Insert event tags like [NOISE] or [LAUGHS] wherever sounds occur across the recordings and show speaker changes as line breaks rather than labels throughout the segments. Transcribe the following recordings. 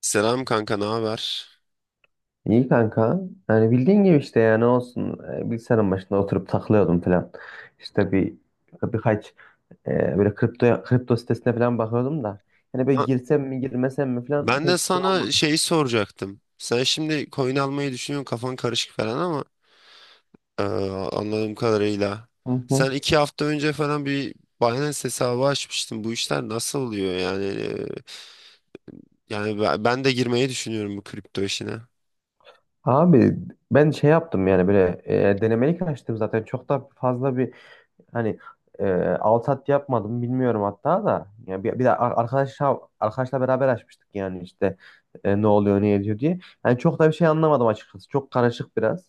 Selam kanka, ne haber?
İyi kanka. Yani bildiğin gibi işte ya ne olsun bilgisayarın başında oturup takılıyordum falan. İşte birkaç böyle kripto sitesine falan bakıyordum da. Hani böyle
Ha,
girsem mi girmesem mi falan
ben de
pek şey
sana
olmadı.
şeyi soracaktım. Sen şimdi coin almayı düşünüyorsun, kafan karışık falan ama eee, anladığım kadarıyla.
Hı hı.
Sen iki hafta önce falan bir Binance hesabı açmıştın. Bu işler nasıl oluyor yani? Yani ben de girmeyi düşünüyorum bu kripto işine.
Abi ben şey yaptım yani böyle denemelik açtım, zaten çok da fazla bir hani e, alt at yapmadım, bilmiyorum hatta da. Yani bir de arkadaşla beraber açmıştık yani işte ne oluyor ne ediyor diye. Yani çok da bir şey anlamadım açıkçası, çok karışık biraz.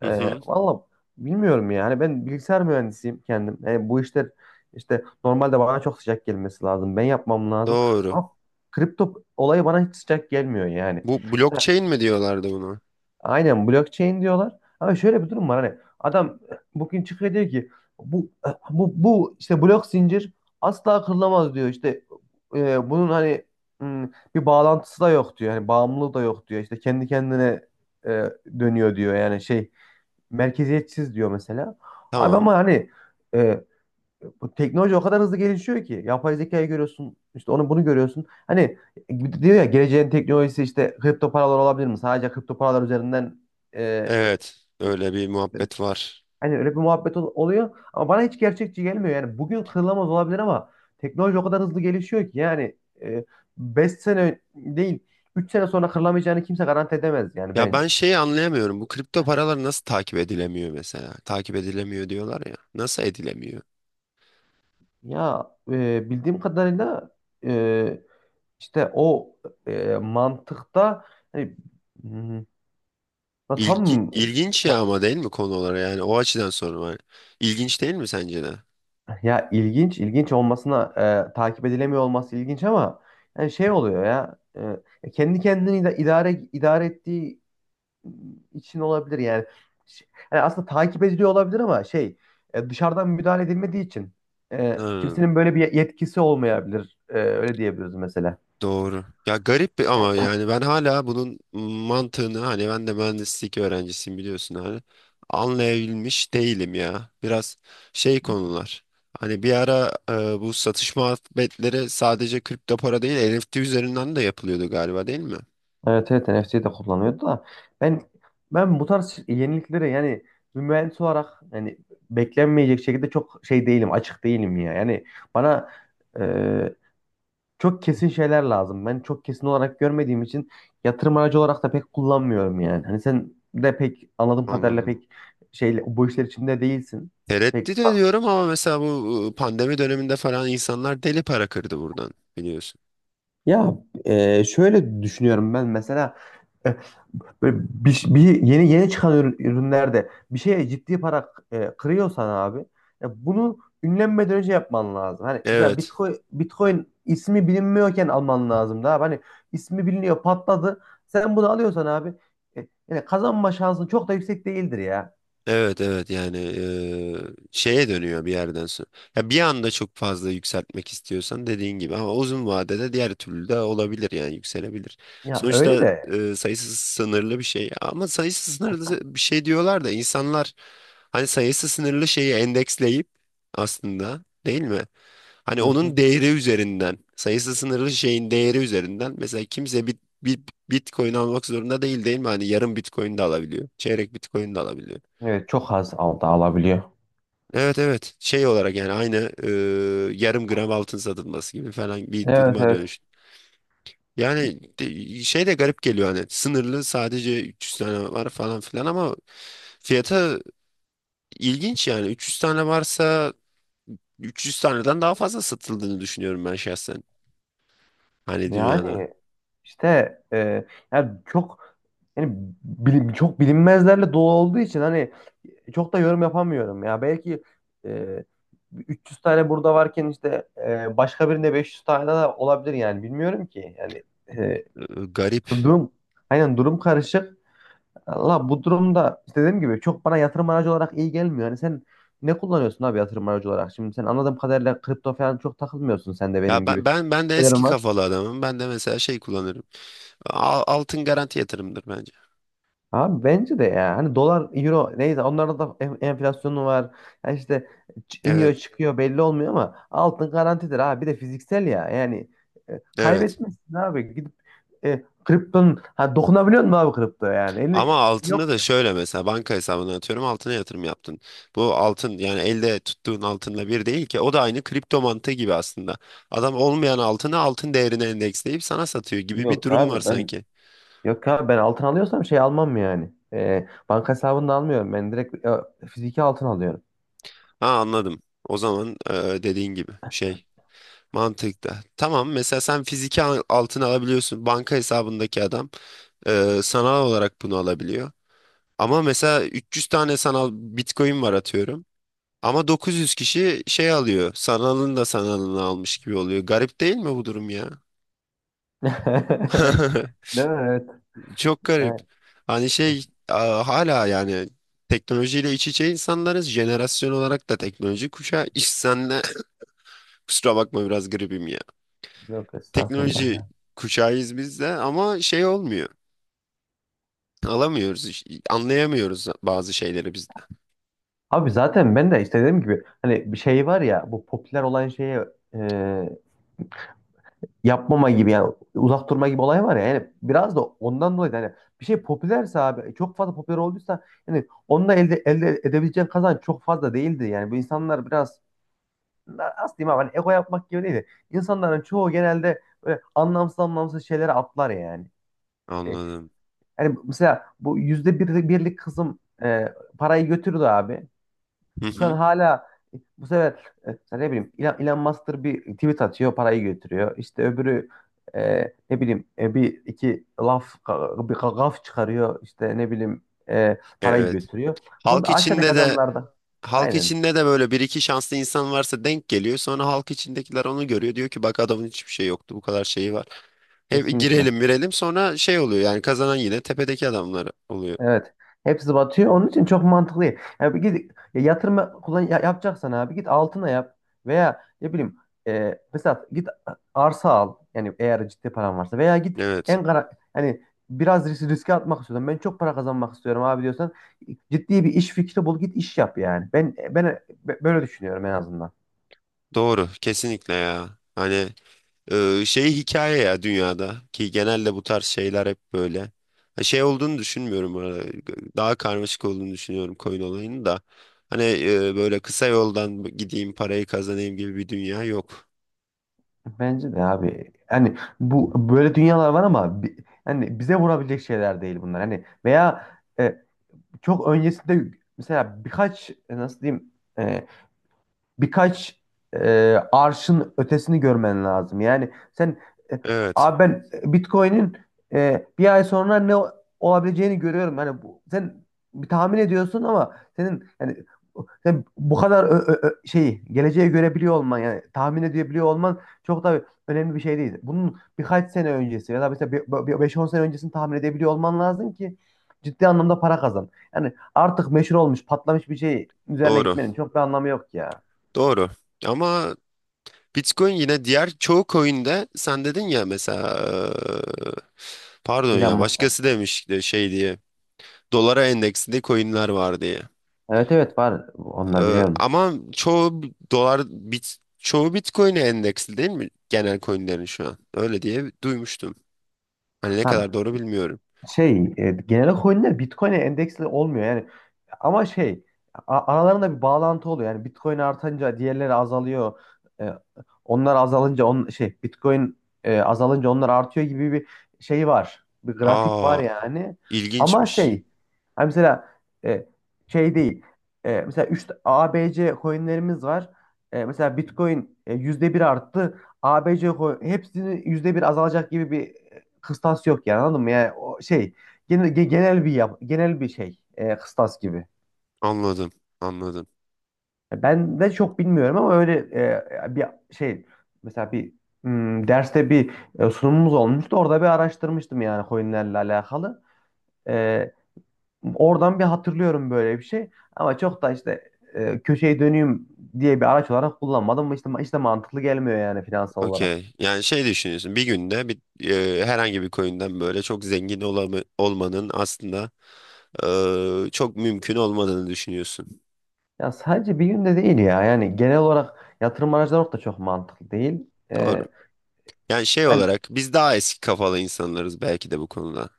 Hı
E,
hı.
valla bilmiyorum yani, ben bilgisayar mühendisiyim kendim. Bu işler işte normalde bana çok sıcak gelmesi lazım. Ben yapmam lazım.
Doğru.
Ama kripto olayı bana hiç sıcak gelmiyor yani.
Bu
Mesela
blockchain mi diyorlardı buna?
aynen blockchain diyorlar. Ama şöyle bir durum var, hani adam bugün çıkıyor diyor ki bu bu işte blok zincir asla kırılamaz diyor. İşte bunun hani hmm, bir bağlantısı da yok diyor. Hani bağımlılığı da yok diyor. İşte kendi kendine e, dönüyor diyor. Yani şey, merkeziyetsiz diyor mesela. Abi
Tamam.
ama hani e, bu teknoloji o kadar hızlı gelişiyor ki, yapay zekayı görüyorsun, işte onu bunu görüyorsun. Hani diyor ya, geleceğin teknolojisi işte kripto paralar olabilir mi? Sadece kripto paralar üzerinden e,
Evet. Öyle bir muhabbet var.
hani öyle bir muhabbet oluyor ama bana hiç gerçekçi gelmiyor. Yani bugün kırılamaz olabilir ama teknoloji o kadar hızlı gelişiyor ki yani e, 5 sene değil, 3 sene sonra kırılamayacağını kimse garanti edemez yani
Ya ben
bence.
şeyi anlayamıyorum. Bu kripto paralar nasıl takip edilemiyor mesela? Takip edilemiyor diyorlar ya. Nasıl edilemiyor?
Ya bildiğim kadarıyla e, İşte o mantıkta hani, hmm, ya tam,
İlginç ya ama değil mi konu olarak? Yani o açıdan sorun var. İlginç değil mi sence de?
ya ilginç, ilginç olmasına takip edilemiyor olması ilginç ama yani şey oluyor ya, kendi kendini idare ettiği için olabilir yani. Ş- Yani aslında takip ediliyor olabilir ama şey, dışarıdan müdahale edilmediği için
Hmm,
kimsenin böyle bir yetkisi olmayabilir. Öyle diyebiliriz mesela.
doğru. Ya ama yani ben hala bunun mantığını, hani ben de mühendislik öğrencisiyim biliyorsun, hani anlayabilmiş değilim ya. Biraz şey konular. Hani bir ara e, bu satış muhabbetleri sadece kripto para değil NFT üzerinden de yapılıyordu galiba, değil mi?
Evet, evet, NFT'yi de kullanıyordu da ben ben bu tarz yeniliklere yani, bir mühendis olarak yani beklenmeyecek şekilde çok şey değilim, açık değilim ya yani, bana e, çok kesin şeyler lazım, ben çok kesin olarak görmediğim için yatırım aracı olarak da pek kullanmıyorum, yani hani sen de pek anladığım kadarıyla
Anladım.
pek şeyle bu işler içinde değilsin pek,
Tereddüt ediyorum ama mesela bu e, pandemi döneminde falan insanlar deli para kırdı buradan biliyorsun.
ya şöyle düşünüyorum ben mesela. Böyle bir yeni yeni çıkan ürünlerde bir şeye ciddi para kırıyorsan abi, ya bunu ünlenmeden önce yapman lazım. Hani mesela
Evet.
Bitcoin ismi bilinmiyorken alman lazım da abi. Hani ismi biliniyor, patladı. Sen bunu alıyorsan abi, yani kazanma şansın çok da yüksek değildir ya.
Evet, evet, yani şeye dönüyor bir yerden sonra. Ya bir anda çok fazla yükseltmek istiyorsan dediğin gibi, ama uzun vadede diğer türlü de olabilir yani yükselebilir.
Ya öyle
Sonuçta
de.
sayısı sınırlı bir şey, ama sayısı sınırlı bir şey diyorlar da insanlar hani sayısı sınırlı şeyi endeksleyip aslında değil mi? Hani
Hı hı.
onun değeri üzerinden, sayısı sınırlı şeyin değeri üzerinden, mesela kimse bir Bitcoin almak zorunda değil değil mi? Hani yarım Bitcoin de alabiliyor. Çeyrek Bitcoin de alabiliyor.
Evet, çok az alabiliyor.
Evet, evet, şey olarak yani aynı e, yarım gram altın satılması gibi falan bir
Evet,
duruma
evet.
dönüş. Yani şey de garip geliyor hani sınırlı, sadece 300 tane var falan filan, ama fiyata ilginç yani 300 tane varsa 300 taneden daha fazla satıldığını düşünüyorum ben şahsen, hani dünyada.
Yani İşte yani çok, yani bilim, çok bilinmezlerle dolu olduğu için hani çok da yorum yapamıyorum ya. Belki e, 300 tane burada varken işte başka birinde 500 tane de olabilir yani, bilmiyorum ki. Yani e,
Ee, Garip.
durum, aynen, durum karışık. Allah, bu durumda işte dediğim gibi çok bana yatırım aracı olarak iyi gelmiyor. Hani sen ne kullanıyorsun abi yatırım aracı olarak? Şimdi sen anladığım kadarıyla kripto falan çok takılmıyorsun sen de
Ya
benim
ben
gibi.
ben ben de eski kafalı adamım. Ben de mesela şey kullanırım. Altın garanti yatırımdır bence.
Abi bence de ya. Hani dolar, euro neyse onlarda da enflasyonu var. Ya işte iniyor
Evet,
çıkıyor, belli olmuyor ama altın garantidir abi. Bir de fiziksel ya. Yani
evet.
kaybetmezsin abi. Gidip kriptonun, ha, dokunabiliyor musun abi kripto yani?
Ama
Eli,
altında
yok.
da şöyle, mesela banka hesabına atıyorum, altına yatırım yaptın. Bu altın yani elde tuttuğun altınla bir değil ki, o da aynı kripto mantığı gibi aslında. Adam olmayan altını altın değerine endeksleyip sana satıyor gibi bir
Yok
durum var
abi ben
sanki.
yok abi ben altın alıyorsam şey almam yani. Banka hesabında almıyorum. Ben direkt fiziki altın alıyorum.
Ha, anladım. O zaman e, dediğin gibi şey mantıkta. Tamam, mesela sen fiziki altın alabiliyorsun. Banka hesabındaki adam e, sanal olarak bunu alabiliyor. Ama mesela 300 tane sanal Bitcoin var atıyorum. Ama 900 kişi şey alıyor. Sanalın da sanalını almış gibi oluyor. Garip değil mi bu durum ya?
[LAUGHS]
[LAUGHS]
Değil mi? Evet.
Çok garip.
Yani,
Hani şey hala yani teknolojiyle iç içe insanlarız. Jenerasyon olarak da teknoloji kuşağı. [LAUGHS] İş senle [CLEARS THROAT] kusura bakma, biraz gripim ya.
yok
Teknoloji
estağfurullah.
kuşağıyız biz de ama şey olmuyor. Alamıyoruz. Anlayamıyoruz bazı şeyleri biz de.
Abi zaten ben de işte dediğim gibi hani bir şey var ya, bu popüler olan şeye e, yapmama gibi yani uzak durma gibi olay var ya, yani biraz da ondan dolayı da hani bir şey popülerse abi, çok fazla popüler olduysa yani onunla elde edebileceğin kazanç çok fazla değildi, yani bu insanlar biraz nasıl diyeyim abi, hani ego yapmak gibi değildi. İnsanların çoğu genelde böyle anlamsız anlamsız şeylere atlar yani. E,
Anladım.
yani mesela bu %1'lik kızım parayı götürdü abi.
Hı
Şu an
hı.
hala bu sefer mesela ne bileyim Elon Musk'tır, bir tweet atıyor, parayı götürüyor. İşte öbürü ne bileyim bir iki laf gaf çıkarıyor, işte ne bileyim parayı
Evet.
götürüyor. Bunu
Halk
aşağıdaki
içinde de
adamlarda
Halk
aynen,
içinde de böyle bir iki şanslı insan varsa denk geliyor. Sonra halk içindekiler onu görüyor. Diyor ki, bak adamın hiçbir şey yoktu, bu kadar şeyi var. Hep
kesinlikle.
girelim girelim sonra şey oluyor yani kazanan yine tepedeki adamlar oluyor.
Evet. Hepsi batıyor. Onun için çok mantıklı değil. Yani bir, git ya yatırım kullan yapacaksan abi git altına yap, veya ne bileyim mesela git arsa al. Yani eğer ciddi paran varsa, veya git
Evet,
en kara hani biraz riske atmak istiyorum, ben çok para kazanmak istiyorum abi diyorsan ciddi bir iş fikri bul, git iş yap yani. Ben böyle düşünüyorum en azından.
doğru kesinlikle ya. Hani e, şey hikaye ya, dünyada ki genelde bu tarz şeyler hep böyle. Ha, şey olduğunu düşünmüyorum bu arada. Daha karmaşık olduğunu düşünüyorum koyun olayını da. Hani e, böyle kısa yoldan gideyim parayı kazanayım gibi bir dünya yok.
Bence de abi. Hani bu böyle dünyalar var ama hani bize vurabilecek şeyler değil bunlar. Hani veya e, çok öncesinde mesela birkaç nasıl diyeyim e, birkaç arşın ötesini görmen lazım. Yani sen e,
Evet.
abi ben Bitcoin'in bir ay sonra ne olabileceğini görüyorum. Hani bu, sen bir tahmin ediyorsun ama senin yani, sen bu kadar şeyi geleceğe görebiliyor olman yani tahmin edebiliyor olman çok da önemli bir şey değil. Bunun birkaç sene öncesi ya da mesela 5-10 sene öncesini tahmin edebiliyor olman lazım ki ciddi anlamda para kazan. Yani artık meşhur olmuş, patlamış bir şey üzerine
Doğru.
gitmenin çok bir anlamı yok ya.
Doğru. Ama Bitcoin yine, diğer çoğu coin'de sen dedin ya mesela, eee, pardon
Elon
ya,
Musk.
başkası demiş de şey diye, dolara endeksli coin'ler var diye.
Evet, evet, var, onlar biliyorum.
Ama çoğu dolar bit çoğu Bitcoin'e endeksli değil mi genel coin'lerin şu an? Öyle diye duymuştum. Hani ne
Ha
kadar doğru bilmiyorum.
şey, genel olarak coinler Bitcoin'e endeksli olmuyor. Yani. Ama şey, aralarında bir bağlantı oluyor. Yani Bitcoin artınca diğerleri azalıyor. E, onlar azalınca şey, Bitcoin azalınca onlar artıyor gibi bir şey var. Bir grafik var
Aa,
yani. Ama
ilginçmiş.
şey hani mesela e, şey değil. Mesela 3 ABC coinlerimiz var. Mesela Bitcoin %1 arttı. ABC coin hepsini %1 azalacak gibi bir kıstas yok yani, anladın mı? Yani o şey, genel bir genel bir şey, kıstas gibi.
Anladım. Anladım.
Ben de çok bilmiyorum ama öyle bir şey, mesela bir derste bir sunumumuz olmuştu. Orada bir araştırmıştım yani coinlerle alakalı. E, oradan bir hatırlıyorum böyle bir şey. Ama çok da işte köşeyi döneyim diye bir araç olarak kullanmadım. Ama işte mantıklı gelmiyor yani finansal olarak.
Okey. Yani şey düşünüyorsun, bir günde bir, herhangi bir coin'den böyle çok olmanın aslında çok mümkün olmadığını düşünüyorsun.
Ya sadece bir günde değil ya. Yani genel olarak yatırım araçları da çok mantıklı değil.
Doğru.
E,
Yani şey
yani
olarak biz daha eski kafalı insanlarız belki de bu konuda.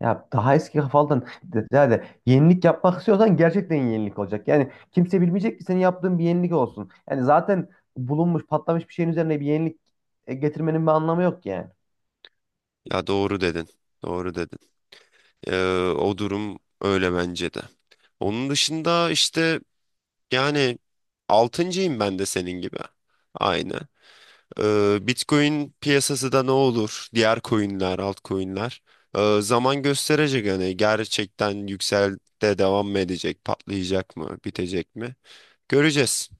ya daha eski kafalıdan, yani yenilik yapmak istiyorsan gerçekten yenilik olacak. Yani kimse bilmeyecek ki senin yaptığın bir yenilik olsun. Yani zaten bulunmuş, patlamış bir şeyin üzerine bir yenilik getirmenin bir anlamı yok ki yani.
Ya doğru dedin. Doğru dedin. Eee, o durum öyle bence de. Onun dışında işte yani altıncıyım ben de senin gibi. Aynı. Bitcoin piyasası da ne olur? Diğer coinler, altcoinler. Zaman gösterecek hani, gerçekten yükseldi, devam mı edecek, patlayacak mı, bitecek mi? Göreceğiz.